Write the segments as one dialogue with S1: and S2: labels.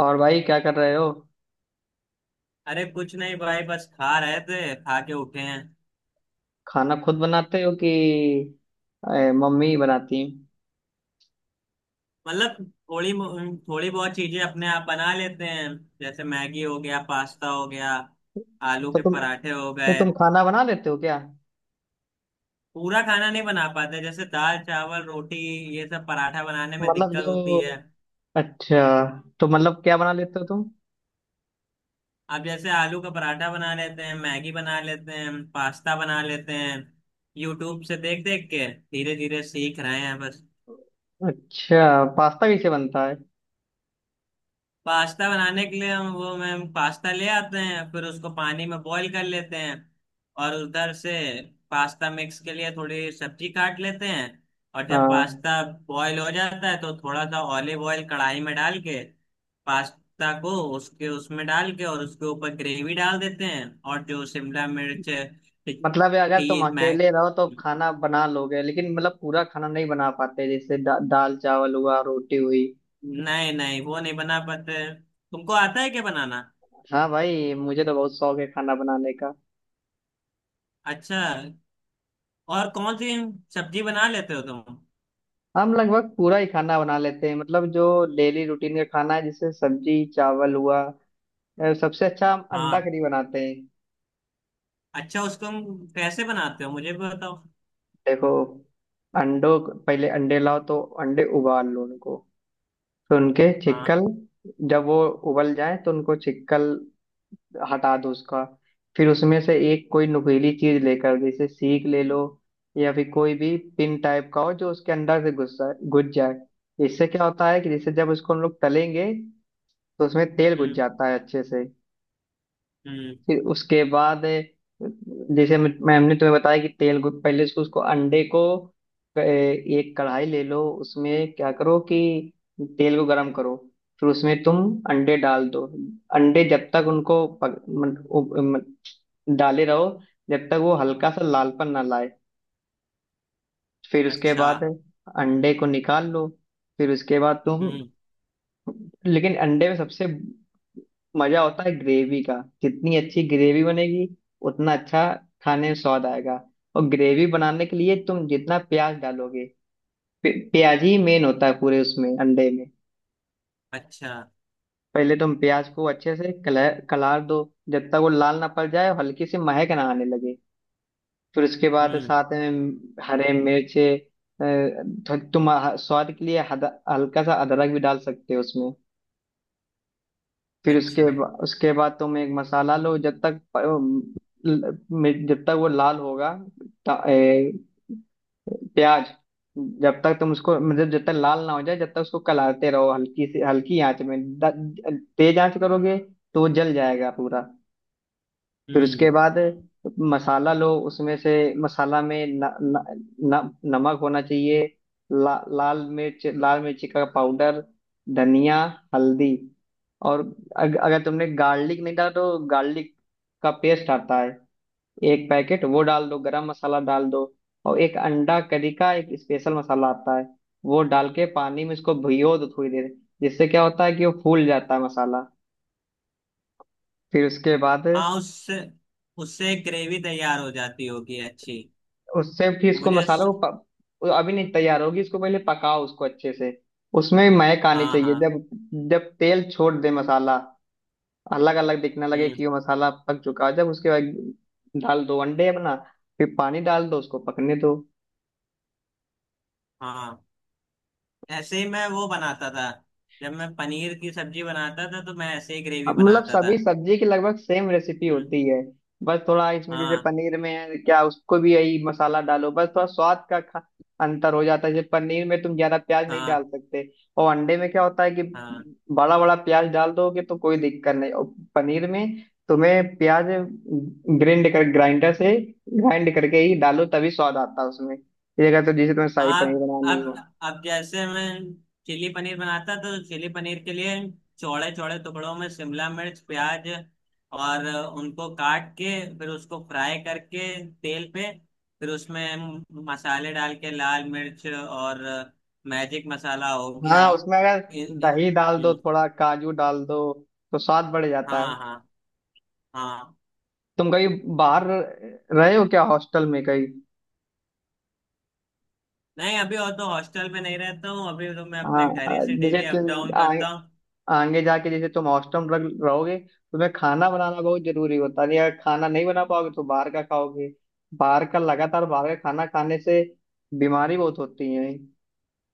S1: और भाई क्या कर रहे हो।
S2: अरे कुछ नहीं भाई, बस खा रहे थे, खा के उठे हैं।
S1: खाना खुद बनाते हो कि मम्मी बनाती हैं।
S2: मतलब थोड़ी थोड़ी बहुत चीजें अपने आप बना लेते हैं। जैसे मैगी हो गया, पास्ता हो गया, आलू
S1: तो
S2: के
S1: तुम
S2: पराठे हो
S1: तो
S2: गए।
S1: तुम खाना बना लेते हो क्या।
S2: पूरा खाना नहीं बना पाते, जैसे दाल, चावल, रोटी, ये सब पराठा बनाने में
S1: मतलब
S2: दिक्कत होती
S1: जो
S2: है।
S1: अच्छा। तो मतलब क्या बना लेते हो तुम।
S2: अब जैसे आलू का पराठा बना लेते हैं, मैगी बना लेते हैं, पास्ता बना लेते हैं। यूट्यूब से देख देख के धीरे धीरे सीख रहे हैं बस।
S1: अच्छा, पास्ता कैसे बनता है।
S2: पास्ता बनाने के लिए हम वो मैम पास्ता ले आते हैं, फिर उसको पानी में बॉईल कर लेते हैं। और उधर से पास्ता मिक्स के लिए थोड़ी सब्जी काट लेते हैं। और जब
S1: हाँ।
S2: पास्ता बॉईल हो जाता है तो थोड़ा सा ऑलिव ऑयल कढ़ाई में डाल के, पास्ता को उसके उसमें डाल के और उसके ऊपर ग्रेवी डाल देते हैं, और जो शिमला मिर्च,
S1: मतलब ये अगर तुम
S2: खीर मैं।
S1: अकेले रहो तो खाना बना लोगे, लेकिन मतलब पूरा खाना नहीं बना पाते जैसे दाल चावल हुआ, रोटी हुई।
S2: नहीं, नहीं, वो नहीं बना पाते। तुमको आता है क्या बनाना?
S1: हाँ भाई, मुझे तो बहुत शौक है खाना बनाने का।
S2: अच्छा। और कौन सी सब्जी बना लेते हो तुम?
S1: हम लगभग पूरा ही खाना बना लेते हैं, मतलब जो डेली रूटीन का खाना है, जैसे सब्जी, चावल हुआ। सबसे अच्छा हम अंडा
S2: हाँ।
S1: करी बनाते हैं।
S2: अच्छा, उसको हम कैसे बनाते हो, मुझे भी बताओ।
S1: देखो। पहले अंडे लाओ तो। अंडे उबाल लो उनको। तो उनके छिक्कल,
S2: हाँ।
S1: जब वो उबल जाए तो उनको छिक्कल हटा दो उसका। फिर उसमें से एक कोई नुकीली चीज लेकर, जैसे सीख ले लो या फिर कोई भी पिन टाइप का हो, जो उसके अंदर से घुस जाए घुस जाए। इससे क्या होता है कि जैसे जब उसको हम लोग तलेंगे तो उसमें तेल घुस
S2: हम्म।
S1: जाता है अच्छे से।
S2: हम्म।
S1: फिर उसके बाद जैसे मैम ने तुम्हें बताया कि तेल घुस पहले उसको उसको अंडे को। एक कढ़ाई ले लो, उसमें क्या करो कि तेल को गरम करो। फिर उसमें तुम अंडे डाल दो। अंडे जब तक उनको पक, मन, उ, मन, डाले रहो, जब तक वो हल्का सा लालपन ना लाए। फिर उसके
S2: अच्छा।
S1: बाद अंडे को निकाल लो। फिर उसके बाद तुम।
S2: हम्म।
S1: लेकिन अंडे में सबसे मजा होता है ग्रेवी का। जितनी अच्छी ग्रेवी बनेगी, उतना अच्छा खाने में स्वाद आएगा। और ग्रेवी बनाने के लिए तुम जितना प्याज डालोगे। प्याज ही मेन होता है पूरे उसमें अंडे में।
S2: अच्छा।
S1: पहले तुम प्याज को अच्छे से कलर कलार दो, जब तक वो लाल ना पड़ जाए और हल्की सी महक ना आने लगे। फिर उसके बाद
S2: हम्म।
S1: साथ में हरे मिर्चे। अ, तुम स्वाद के लिए हल्का सा अदरक भी डाल सकते हो उसमें। फिर
S2: अच्छा।
S1: उसके बाद तुम एक मसाला लो, जब तक जब तक वो लाल होगा ता- ए, प्याज, जब तक तुम उसको मतलब जब तक लाल ना हो जाए, जब तक उसको कलाते रहो हल्की से हल्की आंच में, तेज आंच करोगे तो वो जल जाएगा पूरा। फिर
S2: हम्म।
S1: उसके बाद मसाला लो उसमें से। मसाला में न, न, न, नमक होना चाहिए। लाल मिर्च, लाल मिर्ची का पाउडर, धनिया, हल्दी, और अगर तुमने गार्लिक नहीं डाला तो गार्लिक का पेस्ट आता है, एक पैकेट वो डाल दो, गरम मसाला डाल दो। और एक अंडा करी का एक स्पेशल मसाला आता है, वो डाल के पानी में इसको भिगो दो थोड़ी देर। जिससे क्या होता है कि वो फूल जाता है मसाला। फिर उसके बाद
S2: हाँ, उससे उससे ग्रेवी तैयार हो जाती होगी अच्छी।
S1: उससे फिर इसको
S2: मुझे
S1: मसाला को
S2: स-
S1: वो अभी नहीं तैयार होगी, इसको पहले पकाओ उसको अच्छे से। उसमें महक आनी
S2: हाँ,
S1: चाहिए,
S2: हाँ।
S1: जब जब तेल छोड़ दे मसाला, अलग अलग दिखने लगे
S2: हम्म।
S1: कि वो मसाला पक चुका है, जब उसके बाद डाल दो अंडे अपना। फिर पानी डाल दो, उसको पकने दो।
S2: हाँ। ऐसे ही मैं वो बनाता था। जब मैं पनीर की सब्जी बनाता था तो मैं ऐसे ही ग्रेवी
S1: अब मतलब
S2: बनाता था।
S1: सभी सब्जी की लगभग सेम रेसिपी
S2: हम्म।
S1: होती है। बस थोड़ा इसमें, जैसे
S2: हाँ,
S1: पनीर में है क्या, उसको भी यही मसाला डालो, बस थोड़ा स्वाद का अंतर हो जाता है। जैसे पनीर में तुम ज्यादा प्याज नहीं
S2: हाँ,
S1: डाल सकते। और अंडे में क्या होता है कि
S2: हाँ।
S1: बड़ा बड़ा प्याज डाल दोगे तो कोई दिक्कत नहीं, और पनीर में तुम्हें प्याज ग्रिंड कर, ग्राइंडर से ग्राइंड करके ही डालो, तभी स्वाद आता है उसमें, ये अगर तो जैसे तुम्हें शाही पनीर
S2: आप।
S1: बनानी हो।
S2: अब जैसे मैं चिली पनीर बनाता, तो चिली पनीर के लिए चौड़े चौड़े टुकड़ों में शिमला मिर्च, प्याज, और उनको काट के, फिर उसको फ्राई करके, तेल पे, फिर उसमें मसाले डाल के, लाल मिर्च और मैजिक मसाला हो गया।
S1: हाँ, उसमें अगर
S2: इ- इ-
S1: दही डाल दो,
S2: हम्म।
S1: थोड़ा काजू डाल दो, तो स्वाद बढ़ जाता है।
S2: हाँ, हाँ, हाँ।
S1: तुम कहीं बाहर रहे हो क्या, हॉस्टल में कहीं।
S2: नहीं, अभी और तो हॉस्टल में नहीं रहता हूँ। अभी तो मैं अपने
S1: हाँ,
S2: घर ही से
S1: जैसे
S2: डेली अप
S1: तुम
S2: डाउन करता हूँ।
S1: आगे जाके जैसे तुम हॉस्टल में रहोगे, तुम्हें खाना बनाना बहुत जरूरी होता है। अगर खाना नहीं बना पाओगे तो बाहर का खाओगे, बाहर का लगातार बाहर का खाना खाने से बीमारी बहुत होती है।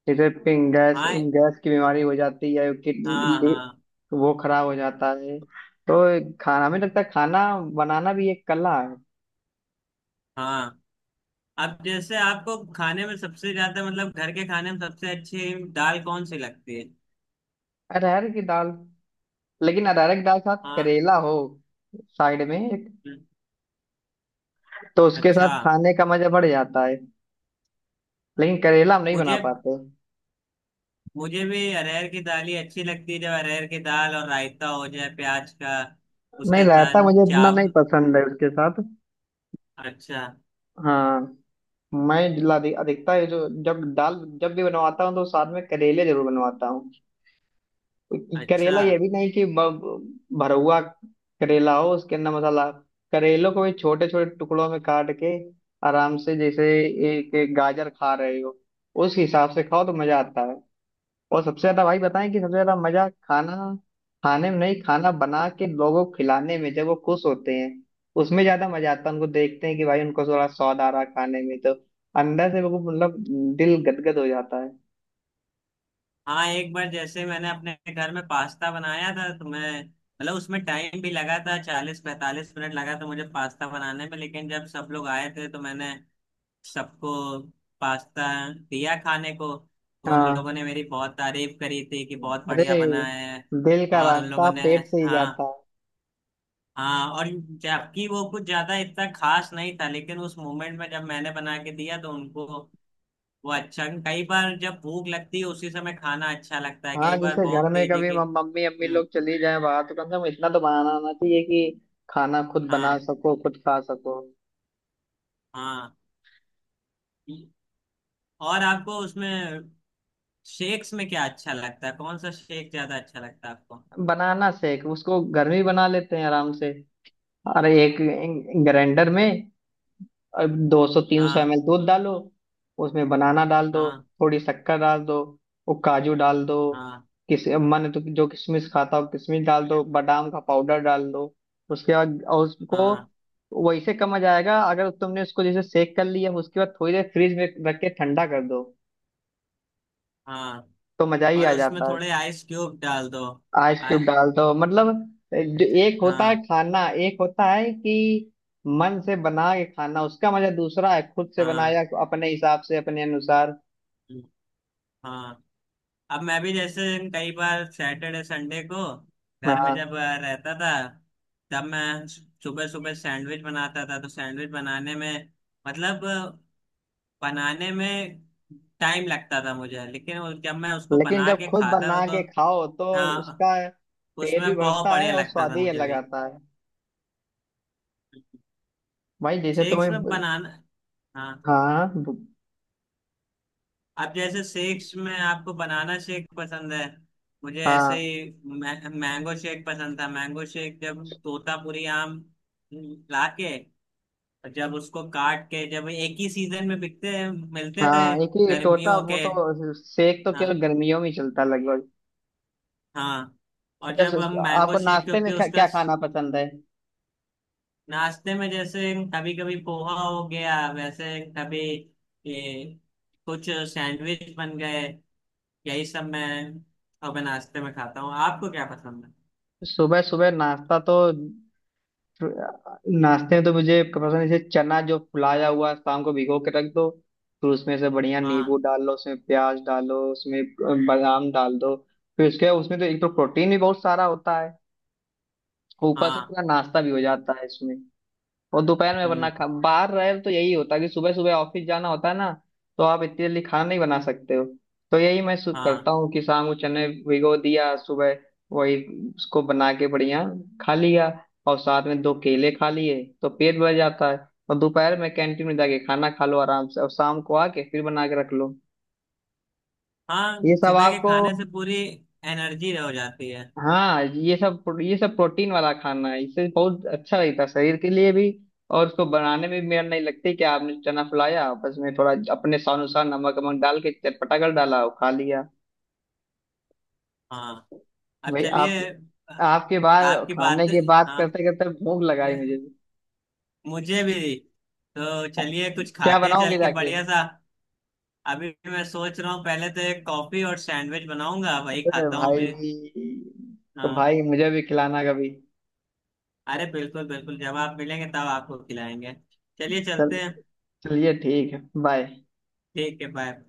S1: जैसे गैस,
S2: हाँ,
S1: गैस की बीमारी हो जाती है,
S2: हाँ,
S1: किडनी
S2: हाँ,
S1: वो खराब हो जाता है। तो खाना, हमें लगता है खाना बनाना भी एक कला है।
S2: हाँ। अब जैसे आपको खाने में सबसे ज्यादा, मतलब घर के खाने में, सबसे अच्छी दाल कौन सी लगती है?
S1: अरहर की दाल। लेकिन अरहर की दाल के साथ
S2: हाँ।
S1: करेला हो साइड में,
S2: हम्म।
S1: तो उसके
S2: अच्छा।
S1: साथ खाने का मजा बढ़ जाता है। लेकिन करेला हम नहीं बना
S2: मुझे
S1: पाते।
S2: मुझे भी अरहर की दाल ही अच्छी लगती है। जब अरहर की दाल और रायता हो जाए प्याज का,
S1: नहीं,
S2: उसके
S1: रायता
S2: साथ
S1: मुझे इतना
S2: चाव।
S1: नहीं पसंद है उसके साथ।
S2: अच्छा।
S1: हाँ। मैं जिला अधिकता है जो जब दाल, जब भी बनवाता हूँ तो साथ में करेले जरूर बनवाता हूँ। क्योंकि
S2: अच्छा।
S1: करेला, ये भी नहीं कि भरवा करेला हो उसके अंदर मसाला। करेलों को भी छोटे छोटे टुकड़ों में काट के, आराम से जैसे एक एक गाजर खा रहे हो, उस हिसाब से खाओ तो मजा आता है। और सबसे ज्यादा भाई बताएं कि सबसे ज्यादा मजा खाना खाने में नहीं, खाना बना के लोगों को खिलाने में, जब वो खुश होते हैं उसमें ज्यादा मजा आता है। उनको देखते हैं कि भाई उनको थोड़ा स्वाद आ रहा है खाने में, तो अंदर से बिल्कुल मतलब दिल गदगद हो जाता है।
S2: हाँ, एक बार जैसे मैंने अपने घर में पास्ता बनाया था, तो मैं, मतलब उसमें टाइम भी लगा था, 40-45 मिनट लगा था मुझे पास्ता बनाने में। लेकिन जब सब लोग आए थे तो मैंने सबको पास्ता दिया खाने को, तो उन
S1: हाँ।
S2: लोगों ने मेरी बहुत तारीफ करी थी कि बहुत बढ़िया
S1: अरे,
S2: बना है।
S1: दिल का
S2: और उन लोगों
S1: रास्ता
S2: ने।
S1: पेट से ही
S2: हाँ,
S1: जाता है।
S2: हाँ। और जबकि वो कुछ ज्यादा इतना खास नहीं था, लेकिन उस मोमेंट में जब मैंने बना के दिया तो उनको वो अच्छा। कई बार जब भूख लगती है उसी समय खाना अच्छा लगता है।
S1: हाँ,
S2: कई बार
S1: जैसे घर
S2: बहुत
S1: में
S2: तेजी
S1: कभी
S2: की।
S1: मम्मी अम्मी लोग
S2: हम्म।
S1: चली जाए बाहर, तो कम से कम इतना तो बनाना आना चाहिए कि खाना खुद बना
S2: हाँ,
S1: सको, खुद खा सको।
S2: हाँ। और आपको उसमें शेक्स में क्या अच्छा लगता है? कौन सा शेक ज्यादा अच्छा लगता है आपको?
S1: बनाना सीख उसको घर में ही बना लेते हैं आराम से। और एक ग्राइंडर में 200 300 एम
S2: हाँ,
S1: एल दूध डालो, उसमें बनाना डाल दो,
S2: हाँ,
S1: थोड़ी शक्कर डाल दो, वो काजू डाल दो।
S2: हाँ,
S1: किस मन तो जो किशमिश खाता हो, किशमिश डाल दो, बादाम का पाउडर डाल दो। उसके बाद और उसको
S2: हाँ,
S1: वैसे कम जाएगा, अगर तुमने उसको जैसे सेक कर लिया, उसके बाद थोड़ी देर फ्रिज में रख के ठंडा कर दो,
S2: हाँ।
S1: तो मजा ही
S2: और
S1: आ
S2: उसमें
S1: जाता है।
S2: थोड़े आइस क्यूब डाल दो।
S1: आइस
S2: आ,
S1: क्यूब डाल दो मतलब, जो एक होता है
S2: हाँ,
S1: खाना, एक होता है कि मन से बना के खाना, उसका मजा दूसरा है, खुद से
S2: हाँ।
S1: बनाया अपने हिसाब से अपने अनुसार।
S2: हम्म। हाँ। अब मैं भी जैसे कई बार सैटरडे संडे को घर में
S1: हाँ,
S2: जब रहता था, तब मैं सुबह सुबह सैंडविच बनाता था, तो सैंडविच बनाने में, मतलब बनाने में टाइम लगता था मुझे। लेकिन जब मैं उसको
S1: लेकिन
S2: बना
S1: जब
S2: के
S1: खुद
S2: खाता
S1: बना
S2: था तो,
S1: के खाओ तो
S2: हाँ,
S1: उसका पेट भी
S2: उसमें बहुत
S1: भरता है
S2: बढ़िया
S1: और
S2: लगता
S1: स्वाद
S2: था
S1: ही
S2: मुझे
S1: अलग
S2: भी।
S1: आता है। भाई जैसे
S2: शेक्स
S1: तुम्हें।
S2: में बनाना। हाँ।
S1: हाँ
S2: अब जैसे शेक्स में आपको बनाना शेक पसंद है। मुझे ऐसे
S1: हाँ।
S2: ही मैंगो शेक पसंद था। मैंगो शेक, जब तोतापुरी आम लाके और जब उसको काट के, जब एक ही सीजन में बिकते मिलते थे।
S1: हाँ, एक ही टोटा,
S2: गर्मियों
S1: वो
S2: के।
S1: तो सेक तो
S2: हाँ,
S1: केवल गर्मियों में ही चलता है लगभग।
S2: हाँ। और
S1: अच्छा,
S2: जब हम मैंगो
S1: आपको
S2: शेक,
S1: नाश्ते में
S2: क्योंकि
S1: क्या
S2: उसका
S1: क्या
S2: स-
S1: खाना पसंद है।
S2: नाश्ते में जैसे कभी कभी पोहा हो गया, वैसे कभी ये कुछ सैंडविच बन गए, यही सब मैं अब मैं नाश्ते में खाता हूँ। आपको क्या पसंद है?
S1: सुबह सुबह नाश्ता तो, नाश्ते में तो मुझे पसंद है, जैसे चना जो फुलाया हुआ शाम को भिगो के रख दो, फिर उसमें से बढ़िया नींबू
S2: हाँ,
S1: डाल लो, उसमें प्याज डालो, उसमें बादाम डाल दो। फिर उसके बाद उसमें तो एक तो प्रोटीन भी बहुत सारा होता है, ऊपर से
S2: हाँ।
S1: पूरा नाश्ता भी हो जाता है इसमें। और दोपहर में वरना
S2: हम्म।
S1: खा बाहर रहे तो, यही होता है कि सुबह सुबह ऑफिस जाना होता है ना, तो आप इतनी जल्दी खाना नहीं बना सकते हो। तो यही मैं करता
S2: हाँ,
S1: हूँ कि शाम को चने भिगो दिया, सुबह वही उसको बना के बढ़िया खा लिया, और साथ में दो केले खा लिए तो पेट भर जाता है। और दोपहर में कैंटीन में जाके खाना खा लो आराम से, और शाम को आके फिर बना के रख लो।
S2: हाँ।
S1: ये सब
S2: सुबह के
S1: आपको।
S2: खाने से पूरी एनर्जी हो जाती है।
S1: हाँ, ये सब प्रोटीन वाला खाना है, इससे बहुत अच्छा रहता है शरीर के लिए भी। और उसको बनाने में भी मेरा नहीं लगता, कि आपने चना फुलाया बस, में थोड़ा अपने स्वानुसार नमक वमक डाल के चटपटा कर डाला और खा लिया।
S2: हाँ। अब
S1: भाई आप
S2: चलिए आ-
S1: आपके बाद
S2: आपकी बात।
S1: खाने की बात
S2: हाँ,
S1: करते करते भूख लगाई मुझे भी।
S2: मुझे भी। तो चलिए कुछ
S1: क्या
S2: खाते हैं
S1: बनाओगे
S2: चल के
S1: जाके।
S2: बढ़िया सा। अभी मैं सोच रहा हूँ पहले तो एक कॉफी और सैंडविच बनाऊंगा, वही
S1: अरे
S2: खाता हूँ
S1: भाई,
S2: अभी।
S1: तो
S2: हाँ।
S1: भाई मुझे भी खिलाना कभी।
S2: अरे, बिल्कुल, बिल्कुल, जब आप मिलेंगे तब आपको खिलाएंगे। चलिए,
S1: चल
S2: चलते हैं।
S1: चलिए, ठीक है। बाय।
S2: ठीक है, बाय।